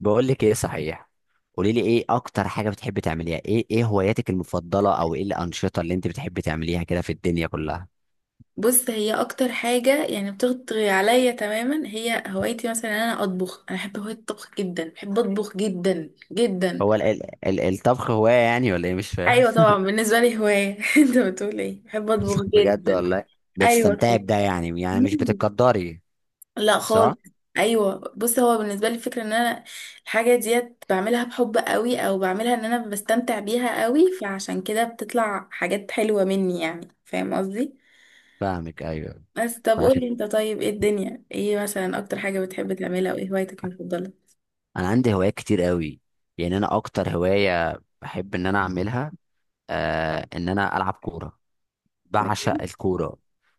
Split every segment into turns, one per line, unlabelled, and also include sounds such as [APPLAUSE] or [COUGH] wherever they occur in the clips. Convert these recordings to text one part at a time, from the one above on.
بقول لك ايه، صحيح. قولي لي ايه اكتر حاجه بتحبي تعمليها، ايه هواياتك المفضله، او ايه الانشطه اللي انت بتحبي تعمليها كده في الدنيا كلها.
بص، هي اكتر حاجه يعني بتغطي عليا تماما هي هوايتي، مثلا إن انا اطبخ. انا بحب هوايه الطبخ جدا، بحب اطبخ جدا جدا.
هو ال ال ال الطبخ هوايه يعني ولا ايه، مش فاهم.
ايوه طبعا بالنسبه لي هوايه. [LAUGHS] انت بتقول ايه؟ بحب اطبخ
[LAUGHS] بجد
جدا.
والله؟
ايوه
بتستمتعي
طبعا.
بده يعني مش
مم.
بتقدري.
لا خالص.
صح.
ايوه، بص هو بالنسبه لي الفكره ان انا الحاجه ديت بعملها بحب قوي، او بعملها ان انا بستمتع بيها قوي، فعشان كده بتطلع حاجات حلوه مني، يعني فاهم قصدي.
فاهمك، ايوه.
بس طب
فعشان
قولي انت، طيب ايه الدنيا؟ ايه مثلا اكتر حاجة بتحب تعملها، او ايه هوايتك المفضلة؟
انا عندي هوايات كتير قوي. يعني انا اكتر هوايه بحب ان انا اعملها، ان انا العب كوره. بعشق
مجال؟
الكورة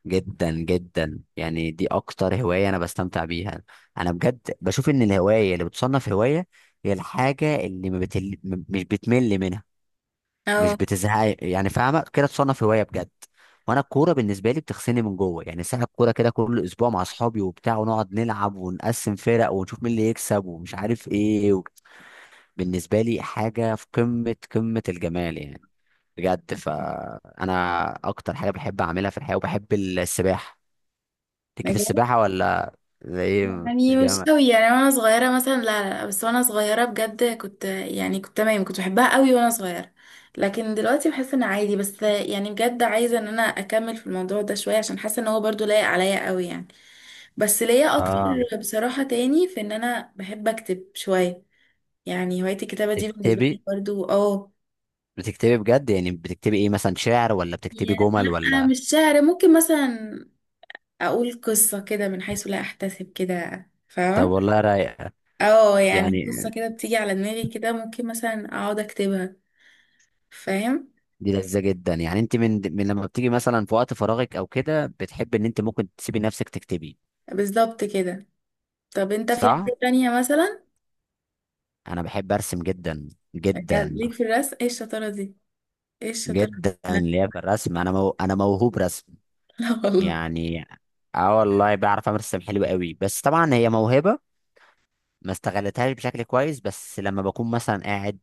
جدا جدا، يعني دي أكتر هواية أنا بستمتع بيها. أنا بجد بشوف إن الهواية اللي بتصنف هواية هي الحاجة اللي ما بتل... م- مش بتمل منها، مش
اه.
بتزهق، يعني فاهمة كده، تصنف هواية بجد. وأنا الكورة بالنسبة لي بتغسلني من جوه، يعني ساعة الكورة كده كل أسبوع مع أصحابي وبتاع، ونقعد نلعب ونقسم فرق ونشوف مين اللي يكسب ومش عارف إيه بالنسبة لي حاجة في قمة قمة الجمال يعني، بجد. فانا اكتر حاجه بحب اعملها في الحياه، وبحب السباحه. ليكي في
مجال
السباحه ولا؟ زي ايه، مش
يعني مش
جامد؟
قوي، يعني وانا صغيرة مثلا، لا لا لا، بس وانا صغيرة بجد كنت، يعني كنت تمام، كنت بحبها قوي وانا صغيرة. لكن دلوقتي بحس ان عادي، بس يعني بجد عايزة ان انا اكمل في الموضوع ده شوية، عشان حاسة ان هو برضو لايق عليا قوي يعني. بس ليا اكتر
اه.
بصراحة تاني في ان انا بحب اكتب شوية. يعني هواية الكتابة دي بالنسبة
بتكتبي
لي برضو، اه.
بتكتبي بجد؟ يعني بتكتبي ايه مثلا، شعر ولا بتكتبي
يا-
جمل
لأ،
ولا؟
مش شعر، ممكن مثلا اقول قصة كده من حيث لا احتسب، كده
طب
فاهمة.
والله رايق.
اه، يعني
يعني
قصة كده بتيجي على دماغي كده، ممكن مثلا اقعد اكتبها. فاهم.
دي لذيذه جدا، يعني انت من لما بتيجي مثلا في وقت فراغك او كده بتحب ان انت ممكن تسيبي نفسك تكتبي.
بالظبط كده. طب انت في
صح.
حاجة تانية مثلا؟
انا بحب ارسم جدا
يعني
جدا.
ليك في الرسم؟ ايه الشطارة دي؟ ايه الشطارة دي؟
جدا
لا.
ليا في الرسم، انا موهوب رسم،
[LAUGHS] لا والله.
يعني. اه والله، بعرف امارس السباحه حلو قوي، بس طبعا هي موهبه ما استغلتهاش بشكل كويس. بس لما بكون مثلا قاعد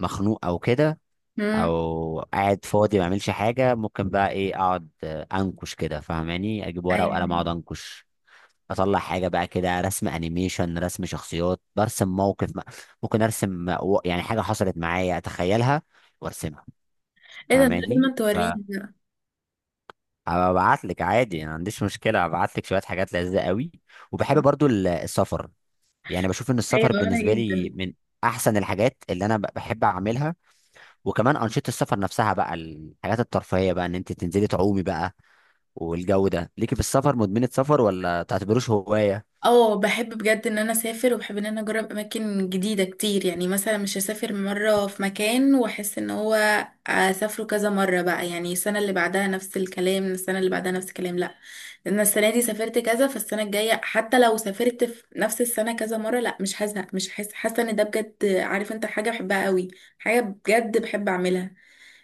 مخنوق او كده،
امم.
او قاعد فاضي ما اعملش حاجه، ممكن بقى ايه اقعد انكش كده، فاهماني، اجيب ورقه وقلم اقعد
ايوه،
انكش. اطلع حاجه بقى كده، رسم انيميشن، رسم شخصيات، برسم موقف ممكن ارسم يعني حاجه حصلت معايا اتخيلها وارسمها،
ايه ده؟ انت
فاهماني.
لازم توريني بقى.
هبعت لك عادي، ما عنديش مشكله، هبعت لك شويه حاجات لذيذه قوي. وبحب برضو السفر. يعني بشوف ان
ايوه،
السفر
انا
بالنسبه لي
جدا.
من احسن الحاجات اللي انا بحب اعملها. وكمان انشطه السفر نفسها بقى، الحاجات الترفيهيه بقى، ان انت تنزلي تعومي بقى والجو ده. ليكي في السفر، مدمنه سفر ولا تعتبروش هوايه؟
اه. بحب بجد ان انا اسافر، وبحب ان انا اجرب اماكن جديده كتير، يعني مثلا مش هسافر مره في مكان واحس ان هو اسافره كذا مره بقى، يعني السنه اللي بعدها نفس الكلام، السنه اللي بعدها نفس الكلام، لا، لان السنه دي سافرت كذا، فالسنه الجايه حتى لو سافرت في نفس السنه كذا مره، لا مش هزهق، مش حاسه حاسه ان ده، بجد عارف انت، حاجه بحبها قوي، حاجه بجد بحب اعملها.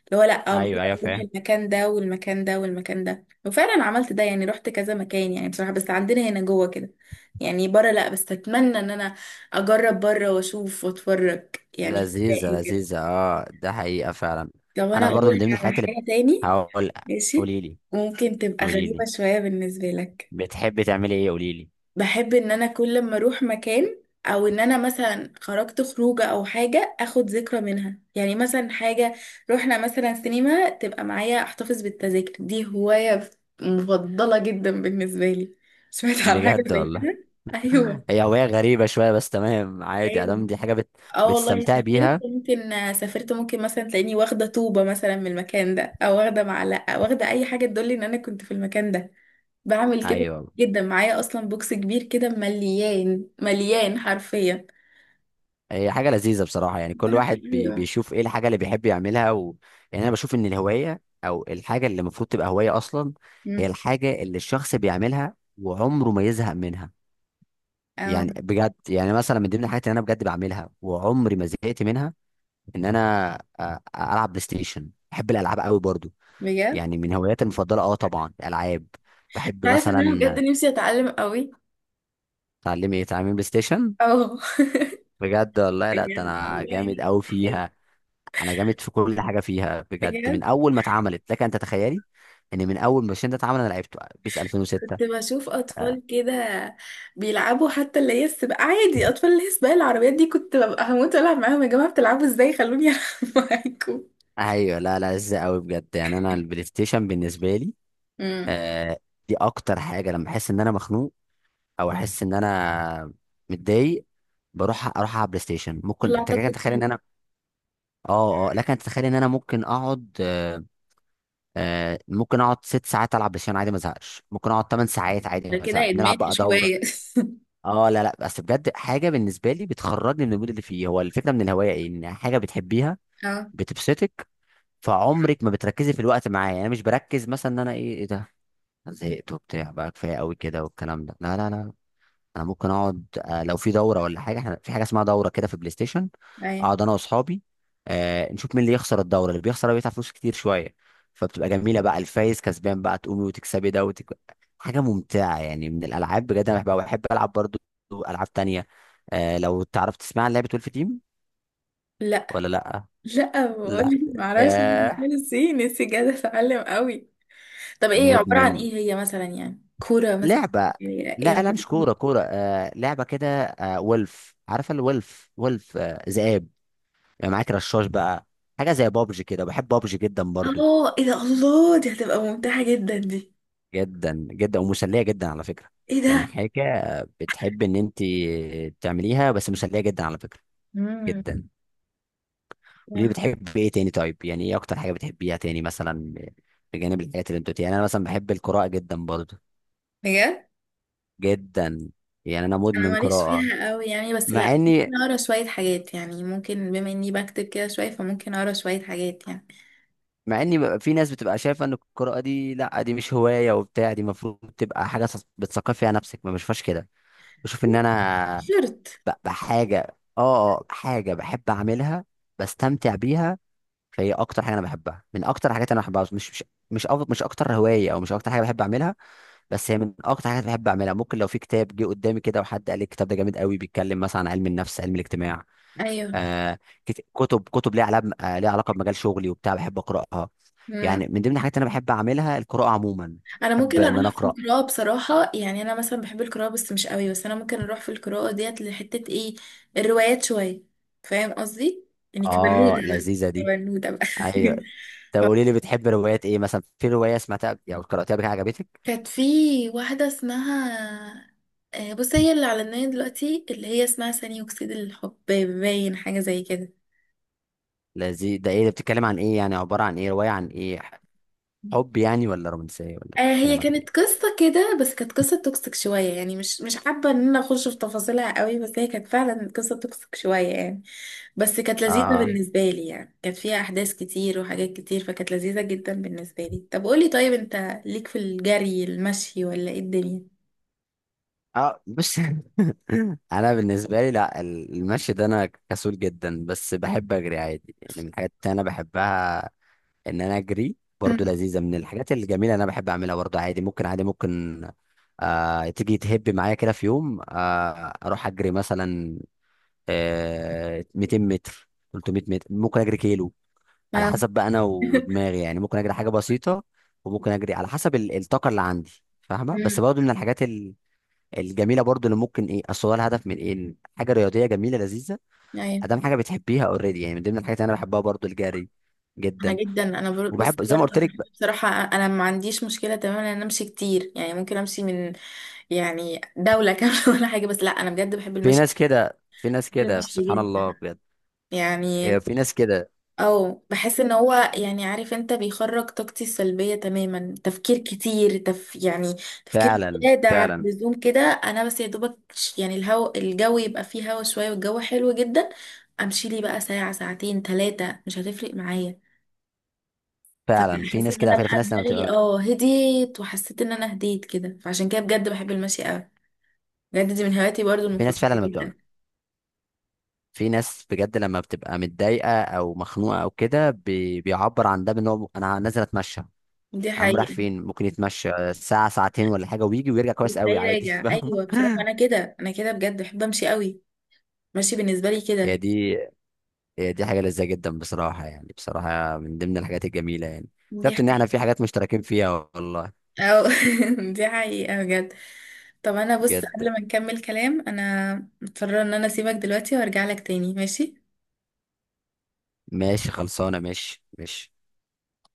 اللي هو لا، أجرب
ايوه ايوه،
اروح
فاهم.
المكان ده والمكان ده والمكان ده، وفعلا عملت ده، يعني رحت كذا مكان يعني، بصراحة بس عندنا هنا جوه كده، يعني بره لا، بس اتمنى ان انا اجرب بره واشوف واتفرج يعني في
لذيذه
الباقي كده.
لذيذه، اه، ده حقيقه فعلا.
طب انا
انا
اقول
برضو من
لك
ضمن
على
الحاجات اللي
حاجة تاني؟
هقول.
ماشي.
قولي لي،
ممكن تبقى
قولي لي.
غريبة شوية بالنسبة لك.
بتحبي تعملي ايه، قولي لي.
بحب ان انا كل لما اروح مكان، او ان انا مثلا خرجت خروجه او حاجه، اخد ذكرى منها، يعني مثلا حاجه رحنا مثلا سينما، تبقى معايا احتفظ بالتذاكر دي، هوايه مفضله جدا بالنسبه لي. سمعت عن حاجه
بجد
زي
والله؟
كده؟ ايوه.
هي هواية غريبة شوية بس تمام، عادي، ادام
ايوه،
دي حاجة
اه والله
بتستمتع
سافرت
بيها،
ممكن، سافرت ممكن مثلا تلاقيني واخده طوبه مثلا من المكان ده، او واخده معلقه، واخده اي حاجه تدل ان انا كنت في المكان ده. بعمل كده.
ايوه.
جدا. معايا اصلا بوكس كبير كده مليان مليان حرفيا.
هي حاجة لذيذة بصراحة، يعني كل واحد
ايوه.
بيشوف ايه الحاجة اللي بيحب يعملها يعني انا بشوف ان الهواية او الحاجة اللي المفروض تبقى هواية اصلا، هي
مم.
الحاجة اللي الشخص بيعملها وعمره ما يزهق منها.
اه.
يعني بجد، يعني مثلا من ضمن الحاجات اللي انا بجد بعملها وعمري ما زهقت منها، ان انا العب بلاي ستيشن. بحب الالعاب قوي برضو،
بجد.
يعني من هواياتي المفضلة، اه طبعا الالعاب. بحب
أنت عارف ان انا بجد
مثلا.
نفسي اتعلم قوي.
تعلمي ايه، تعلمي بلاي ستيشن؟
اه. [LAUGHS]
بجد والله، لا ده
بجد
انا جامد
والله.
قوي
بجد.
فيها. انا جامد في كل حاجه فيها بجد، من
بجد.
اول ما اتعملت، لك انت تخيلي ان من اول ما الشين ده اتعمل انا لعبته، بيس 2006.
كنت بشوف
آه.
اطفال كده بيلعبوا، حتى اللي هي السباق، عادي اطفال، اللي هي سباق العربيات دي، كنت ببقى هموت والعب معاهم. يا جماعه بتلعبوا ازاي؟ خلوني [LAUGHS] العب معاكم.
ايوه. لا لا، لذة قوي بجد، يعني انا البلاي ستيشن بالنسبه لي،
امم.
آه دي اكتر حاجه لما احس ان انا مخنوق او احس ان انا متضايق، اروح على بلاي ستيشن. ممكن انت
طلعت
كده
أكتر.
تتخيل ان انا، اه لكن انت تتخيل ان انا ممكن اقعد ممكن اقعد ست ساعات العب بلاي ستيشن عادي ما ازهقش، ممكن اقعد 8 ساعات عادي
ده
ما
كده
ازهقش. بنلعب
ادمان
بقى
مش هوايه.
دوره. اه لا لا، بس بجد حاجه بالنسبه لي بتخرجني من المود اللي فيه، هو الفكره من الهوايه ايه، ان حاجه بتحبيها
[LAUGHS] اه.
بتبسطك، فعمرك ما بتركزي في الوقت. معايا يعني انا مش بركز مثلا ان انا ايه، ايه ده، زهقت وبتاع بقى كفايه قوي كده والكلام ده، لا لا لا. انا ممكن اقعد لو في دوره ولا حاجه. احنا في حاجه اسمها دوره كده في بلاي ستيشن، اقعد
ايوه.
انا واصحابي، نشوف مين اللي يخسر الدوره، اللي بيخسر هو بيدفع فلوس كتير شويه، فبتبقى جميله بقى، الفايز كسبان بقى، تقومي وتكسبي ده حاجه ممتعه يعني من الالعاب بجد. انا بحب العب برضو العاب تانية. لو تعرف تسمع عن لعبه ولف تيم
لا
ولا لا؟
لا،
لا.
بقول [LAUGHS] معرفش. مين
آه،
نسي جاد اتعلم قوي. طب ايه عبارة عن
مدمن
ايه؟ هي مثلا يعني كورة مثلا؟
لعبه.
ايه
لا لا،
عبارة
مش
عن
كوره
ايه؟
كوره، لعبه كده، ولف، عارفه الولف؟ ولف ذئاب، يعني معاك رشاش بقى. حاجه زي بابجي كده، بحب بابجي جدا برضو،
اه، ايه ده؟ الله، دي هتبقى ممتعة جدا دي.
جدا جدا، ومسليه جدا على فكره.
ايه
يعني
ده؟
حاجه بتحب ان انت تعمليها بس مسليه جدا على فكره،
امم.
جدا. وليه، بتحب ايه تاني؟ طيب، يعني ايه اكتر حاجه بتحبيها تاني مثلا، بجانب الحاجات اللي انت قلتيها؟ يعني انا مثلا بحب القراءه جدا برضو،
بجد؟
جدا. يعني انا
انا
مدمن
ماليش
قراءه.
فيها قوي يعني، بس لا
مع
ممكن
اني
اقرا شوية حاجات، يعني ممكن بما اني بكتب كده شوية، فممكن اقرا شوية حاجات يعني.
مع اني في ناس بتبقى شايفه ان القراءه دي لا، دي مش هوايه وبتاع، دي المفروض تبقى حاجه بتثقف فيها نفسك. ما بشوفهاش كده، بشوف ان انا
شرط.
بحاجة، حاجة بحب أعملها، بستمتع بيها. فهي أكتر حاجة أنا بحبها، من أكتر الحاجات أنا بحبها. مش أكتر هواية، أو مش أكتر حاجة بحب أعملها، بس هي من أكتر حاجات بحب أعملها. ممكن لو في كتاب جه قدامي كده، وحد قال لي الكتاب ده جامد قوي، بيتكلم مثلا عن علم النفس، علم الاجتماع،
ايوه.
آه كتب ليها علاقة، ليها علاقة بمجال شغلي وبتاع، بحب أقرأها. يعني من ضمن الحاجات اللي أنا بحب أعملها القراءة عموما،
انا
بحب
ممكن
إن أنا
اروح في
أقرأ.
القراءه بصراحه، يعني انا مثلا بحب القراءه بس مش قوي، بس انا ممكن اروح في القراءه ديت لحته ايه الروايات شويه. فاهم قصدي؟ يعني
اه
كبنوده بقى،
لذيذة دي.
كبنوده بقى.
ايوه. طب قولي لي، بتحب روايات ايه مثلا؟ في روايه سمعتها او قراتها قبل كده، عجبتك؟
[LAUGHS] كانت في واحده اسمها، بص هي اللي على النايل دلوقتي، اللي هي اسمها ثاني اكسيد الحب، باين حاجه زي كده.
لذي ده ايه ده، بتتكلم عن ايه، يعني عباره عن ايه، روايه عن ايه، حب يعني، ولا رومانسيه، ولا
هي
بتتكلم عن ايه؟
كانت قصة كده، بس كانت قصة توكسيك شوية، يعني مش حابة ان انا اخش في تفاصيلها قوي، بس هي كانت فعلا قصة توكسيك شوية يعني. بس كانت لذيذة
اه
بالنسبة لي، يعني كانت فيها احداث كتير وحاجات كتير، فكانت لذيذة جدا بالنسبة لي. طب قولي، طيب انت ليك في الجري، المشي، ولا ايه الدنيا؟
اه، بص. [LAUGHS] انا بالنسبه لي لا، المشي ده انا كسول جدا، بس بحب اجري عادي، يعني من الحاجات اللي انا بحبها ان انا اجري
[LAUGHS]
برضو.
مم.
لذيذه، من الحاجات الجميله اللي انا بحب اعملها برضو، عادي ممكن، تيجي تهب معايا كده في يوم، اروح اجري مثلا، 200 متر، 300 متر، ممكن اجري كيلو، على
آه.
حسب بقى انا ودماغي. يعني ممكن اجري حاجه بسيطه، وممكن اجري على حسب الطاقه اللي عندي، فاهمه. بس
امم.
برضه من الحاجات الجميله برضه، اللي ممكن ايه، اصل هو الهدف من ايه، إن حاجه رياضيه جميله لذيذه،
ايوه.
ادام حاجه بتحبيها اوريدي. يعني من ضمن الحاجات اللي انا بحبها برضه الجري،
انا
جدا.
جدا. بص
وبحب زي
برضه.
ما قلت لك.
بصراحه انا ما عنديش مشكله تماما ان انا امشي كتير، يعني ممكن امشي من، يعني دوله كامله [LAUGHS] ولا حاجه، بس لا انا بجد بحب
في
المشي.
ناس كده، في ناس كده،
وحشة
سبحان الله
جدا
بجد.
يعني.
في ناس كده.
او بحس ان هو يعني عارف انت، بيخرج طاقتي السلبية تماما، تفكير كتير، يعني تفكير
فعلا
زيادة عن
فعلا.
اللزوم كده. انا بس يا دوبك، يعني الجو يبقى فيه هوا شوية والجو حلو جدا، امشي لي بقى ساعة ساعتين ثلاثة مش هتفرق معايا.
فعلا في
فبحس
ناس
ان
كده
انا
على فكرة، في
بقى
ناس لما
دماغي
بتبقى،
هديت، وحسيت ان انا هديت كده، فعشان كده بجد بحب المشي قوي، بجد دي من هواياتي برضو
في ناس
المفضلة
فعلا لما بتبقى،
جدا.
في ناس بجد لما بتبقى متضايقه او مخنوقه او كده، بيعبر عن ده بان هو انا نازل اتمشى.
دي
يا عم راح
حقيقة.
فين، ممكن يتمشى ساعه ساعتين ولا حاجه ويجي ويرجع كويس قوي
بتلاقيه
عادي. [LAUGHS]
راجع
فاهم.
ايوه، بصراحه انا كده بجد بحب امشي قوي. ماشي بالنسبه لي
هي
كده.
دي هي دي حاجه لذيذه جدا بصراحه، يعني بصراحه من ضمن الحاجات الجميله يعني.
دي
شفت ان احنا
حقيقه.
في حاجات مشتركين فيها، والله
او. [LAUGHS] دي حقيقه بجد. طب انا بص،
بجد.
قبل ما نكمل كلام انا مضطره ان انا اسيبك دلوقتي وارجع لك تاني، ماشي.
ماشي، خلصانه، ماشي ماشي.